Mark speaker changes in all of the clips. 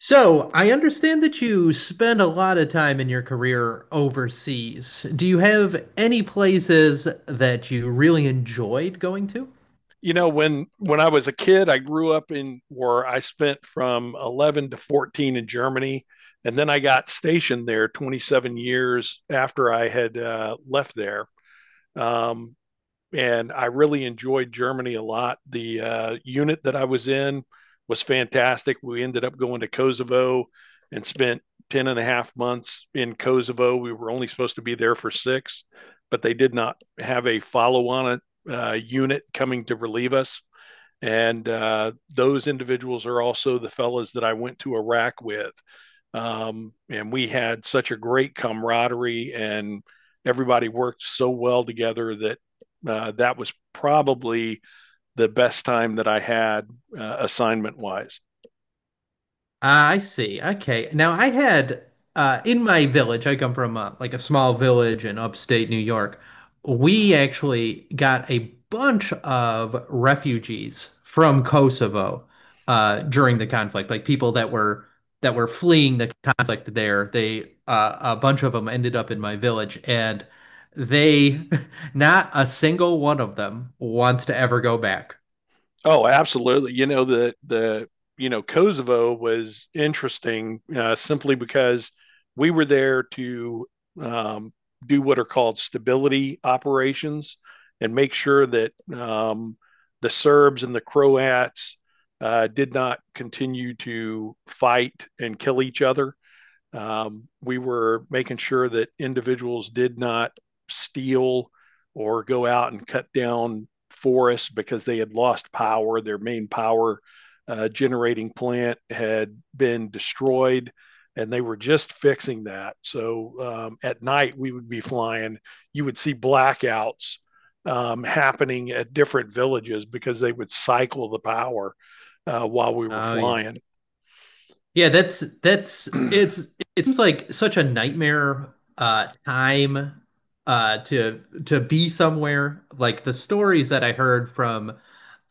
Speaker 1: So, I understand that you spend a lot of time in your career overseas. Do you have any places that you really enjoyed going to?
Speaker 2: You know, when I was a kid, I grew up in where I spent from 11 to 14 in Germany. And then I got stationed there 27 years after I had left there. um, and I really enjoyed Germany a lot. The unit that I was in was fantastic. We ended up going to Kosovo and spent 10 and a half months in Kosovo. We were only supposed to be there for six, but they did not have a follow on unit coming to relieve us. And those individuals are also the fellas that I went to Iraq with. And we had such a great camaraderie, and everybody worked so well together that that was probably the best time that I had, assignment wise.
Speaker 1: Ah, I see. Okay. Now I had in my village. I come from like a small village in upstate New York. We actually got a bunch of refugees from Kosovo during the conflict, like people that were fleeing the conflict there. They a bunch of them ended up in my village, and they not a single one of them wants to ever go back.
Speaker 2: Oh, absolutely. You know, Kosovo was interesting, simply because we were there to um, do what are called stability operations and make sure that the Serbs and the Croats did not continue to fight and kill each other. We were making sure that individuals did not steal or go out and cut down forests because they had lost power. Their main power generating plant had been destroyed, and they were just fixing that. So at night, we would be flying. You would see blackouts happening at different villages because they would cycle the power while we were
Speaker 1: Oh yeah.
Speaker 2: flying.
Speaker 1: Yeah, that's it's It seems like such a nightmare time to be somewhere. Like the stories that I heard from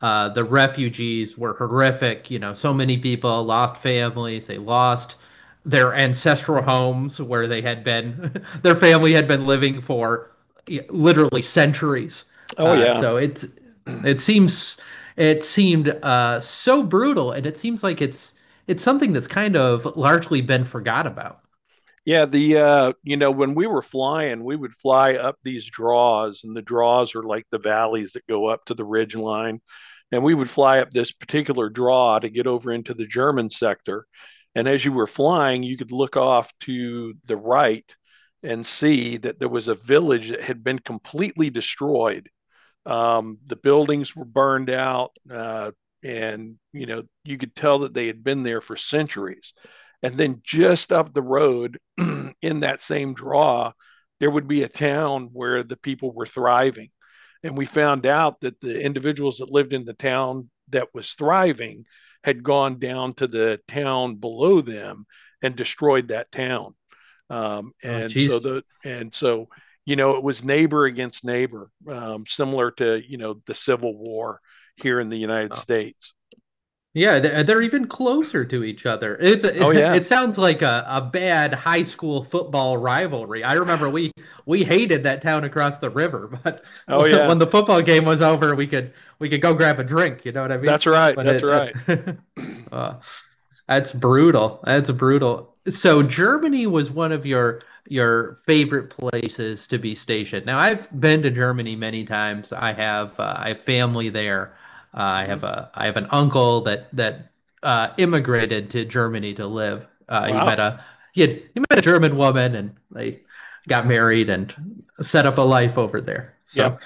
Speaker 1: the refugees were horrific. You know, so many people lost families, they lost their ancestral homes where they had been their family had been living for literally centuries.
Speaker 2: Oh, yeah.
Speaker 1: So it's it seems it seemed so brutal, and it seems like it's something that's kind of largely been forgot about.
Speaker 2: Yeah, when we were flying, we would fly up these draws, and the draws are like the valleys that go up to the ridge line. And we would fly up this particular draw to get over into the German sector. And as you were flying, you could look off to the right and see that there was a village that had been completely destroyed, the buildings were burned out, and you know you could tell that they had been there for centuries. And then just up the road, in that same draw, there would be a town where the people were thriving, and we found out that the individuals that lived in the town that was thriving had gone down to the town below them and destroyed that town. um,
Speaker 1: Oh,
Speaker 2: and so
Speaker 1: jeez.
Speaker 2: the and so you know it was neighbor against neighbor, similar to the Civil War here in the United States.
Speaker 1: Yeah, they're even closer to each other. It's
Speaker 2: Oh
Speaker 1: a,
Speaker 2: yeah.
Speaker 1: it sounds like a bad high school football rivalry. I remember we hated that town across the river, but
Speaker 2: Oh yeah,
Speaker 1: when the football game was over, we could go grab a drink. You know what I mean?
Speaker 2: that's right,
Speaker 1: But
Speaker 2: that's
Speaker 1: it,
Speaker 2: right.
Speaker 1: it uh, that's brutal. That's brutal. So Germany was one of your favorite places to be stationed. Now I've been to Germany many times. I have family there. I
Speaker 2: Mm-hmm.
Speaker 1: have a I have an uncle that immigrated to Germany to live. He met
Speaker 2: Wow.
Speaker 1: a he met a German woman and they got married and set up a life over there.
Speaker 2: Yeah.
Speaker 1: So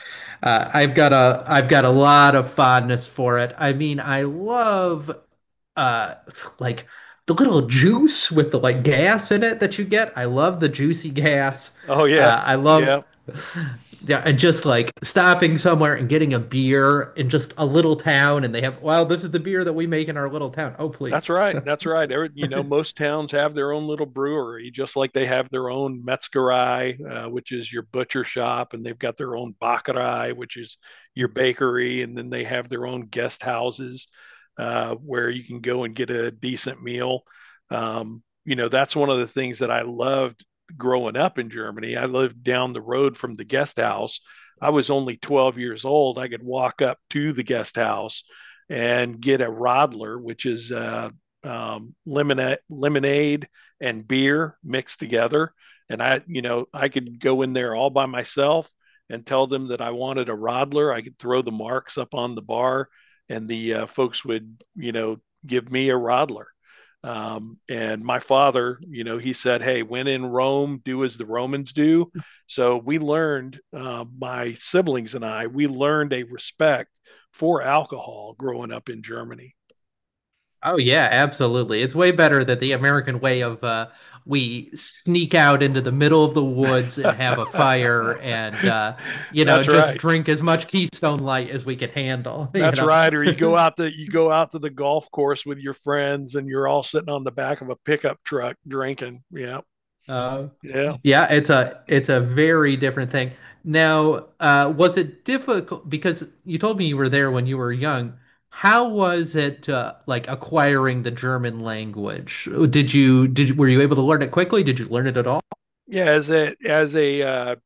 Speaker 1: I've got a lot of fondness for it. I mean, I love uh like the little juice with the, like, gas in it that you get. I love the juicy gas.
Speaker 2: Oh yeah,
Speaker 1: I love
Speaker 2: yeah.
Speaker 1: Yeah, and just like stopping somewhere and getting a beer in just a little town, and they have, well, this is the beer that we make in our little town. Oh,
Speaker 2: That's
Speaker 1: please.
Speaker 2: right. That's right. Most towns have their own little brewery, just like they have their own metzgerai, which is your butcher shop, and they've got their own Bäckerei, which is your bakery, and then they have their own guest houses where you can go and get a decent meal. You know, that's one of the things that I loved growing up in Germany. I lived down the road from the guest house. I was only 12 years old. I could walk up to the guest house and get a Rodler, which is lemonade, and beer mixed together. And I could go in there all by myself and tell them that I wanted a Rodler. I could throw the marks up on the bar, and the folks would, give me a Rodler. And my father, he said, "Hey, when in Rome, do as the Romans do." So we learned, my siblings and I, we learned a respect for alcohol growing up in Germany.
Speaker 1: Oh yeah, absolutely. It's way better than the American way of, we sneak out into the middle of the woods and have a fire, and
Speaker 2: That's
Speaker 1: just
Speaker 2: right.
Speaker 1: drink as much Keystone Light as we can handle.
Speaker 2: That's right. Or you go out to the golf course with your friends, and you're all sitting on the back of a pickup truck drinking. Yeah.
Speaker 1: Uh,
Speaker 2: Yeah.
Speaker 1: Yeah, it's a very different thing. Now, was it difficult? Because you told me you were there when you were young. How was it, like, acquiring the German language? Were you able to learn it quickly? Did you learn it at all?
Speaker 2: Yeah. As a as a uh,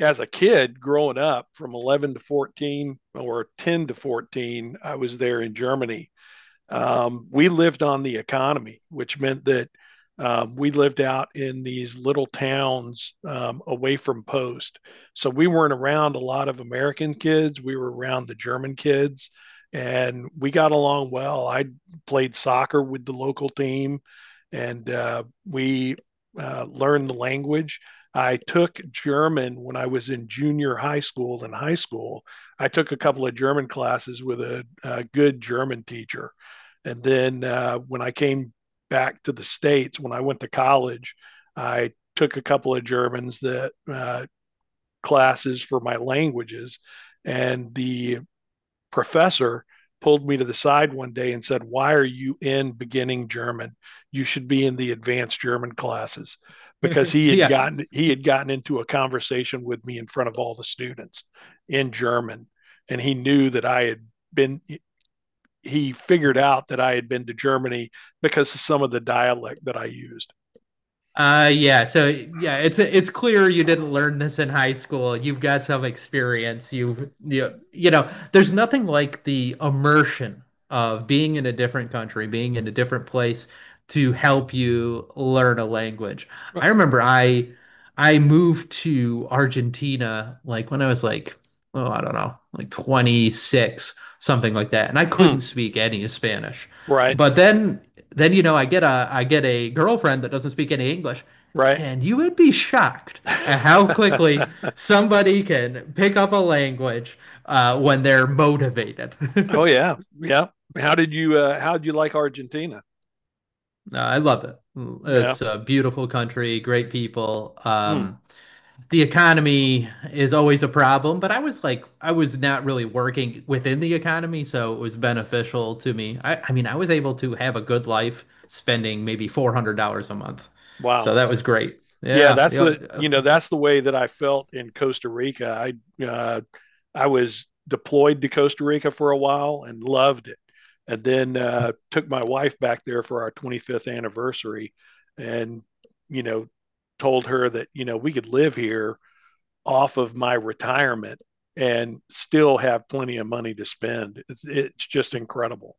Speaker 2: as a kid growing up from 11 to 14 or 10 to 14, I was there in Germany. We lived on the economy, which meant that we lived out in these little towns, away from post. So we weren't around a lot of American kids. We were around the German kids, and we got along well. I played soccer with the local team, and we learned the language. I took German when I was in junior high school and high school. I took a couple of German classes with a good German teacher. And then when I came back to the States, when I went to college, I took a couple of Germans that, classes for my languages. And the professor pulled me to the side one day and said, "Why are you in beginning German? You should be in the advanced German classes," because he had
Speaker 1: Yeah.
Speaker 2: gotten he had gotten into a conversation with me in front of all the students in German, and he knew that I had been, he figured out that I had been to Germany because of some of the dialect that I used.
Speaker 1: Yeah. So yeah, it's clear you didn't learn this in high school. You've got some experience. You, you know, there's nothing like the immersion of being in a different country, being in a different place to help you learn a language. I remember I moved to Argentina like when I was like oh, I don't know, like 26, something like that. And I
Speaker 2: Hmm.
Speaker 1: couldn't speak any Spanish.
Speaker 2: Right,
Speaker 1: But then you know, I get a girlfriend that doesn't speak any English,
Speaker 2: right.
Speaker 1: and you would be shocked at how quickly somebody can pick up a language when they're motivated.
Speaker 2: Oh yeah, yeah. How did you like Argentina?
Speaker 1: I love it.
Speaker 2: Yeah.
Speaker 1: It's a beautiful country, great people.
Speaker 2: Hmm.
Speaker 1: The economy is always a problem, but I was like, I was not really working within the economy, so it was beneficial to me. I mean, I was able to have a good life spending maybe $400 a month.
Speaker 2: Wow.
Speaker 1: So that was great.
Speaker 2: Yeah,
Speaker 1: Yeah. Yeah.
Speaker 2: that's the way that I felt in Costa Rica. I uh, I was deployed to Costa Rica for a while and loved it, and then took my wife back there for our 25th anniversary, and you know told her that we could live here off of my retirement and still have plenty of money to spend. It's just incredible.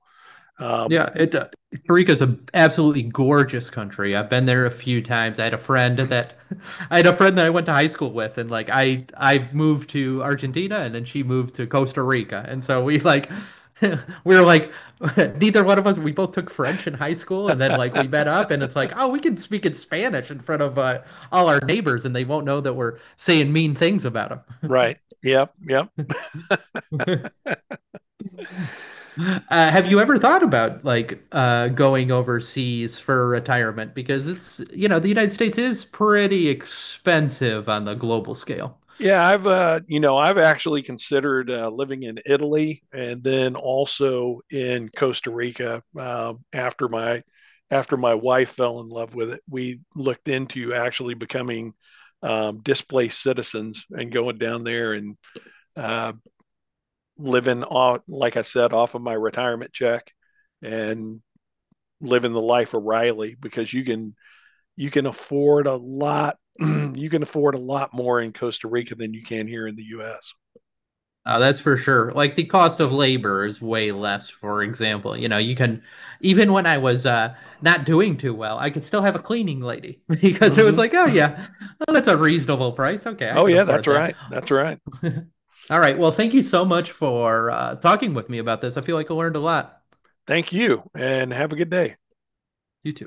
Speaker 2: Um,
Speaker 1: Yeah, it, Costa Rica is an absolutely gorgeous country. I've been there a few times. I had a friend that I had a friend that I went to high school with, and like I moved to Argentina, and then she moved to Costa Rica, and so we like we were like neither one of us. We both took French in high school, and then like we met up, and it's like oh, we can speak in Spanish in front of all our neighbors, and they won't know that we're saying mean things about
Speaker 2: right. Yep. Yep.
Speaker 1: them. Have you ever thought about like going overseas for retirement? Because it's, you know, the United States is pretty expensive on the global scale.
Speaker 2: Yeah, I've actually considered living in Italy and then also in Costa Rica after my wife fell in love with it. We looked into actually becoming displaced citizens and going down there and uh, living off, like I said, off of my retirement check and living the life of Riley because you can afford a lot. You can afford a lot more in Costa Rica than you can here in the U.S.
Speaker 1: That's for sure. Like the cost of labor is way less, for example. You know, you can, even when I was not doing too well, I could still have a cleaning lady because it was
Speaker 2: Hmm.
Speaker 1: like, oh, yeah, well, that's a reasonable price. Okay, I
Speaker 2: Oh,
Speaker 1: can
Speaker 2: yeah, that's
Speaker 1: afford that.
Speaker 2: right. That's right.
Speaker 1: All right. Well, thank you so much for talking with me about this. I feel like I learned a lot.
Speaker 2: Thank you, and have a good day.
Speaker 1: You too.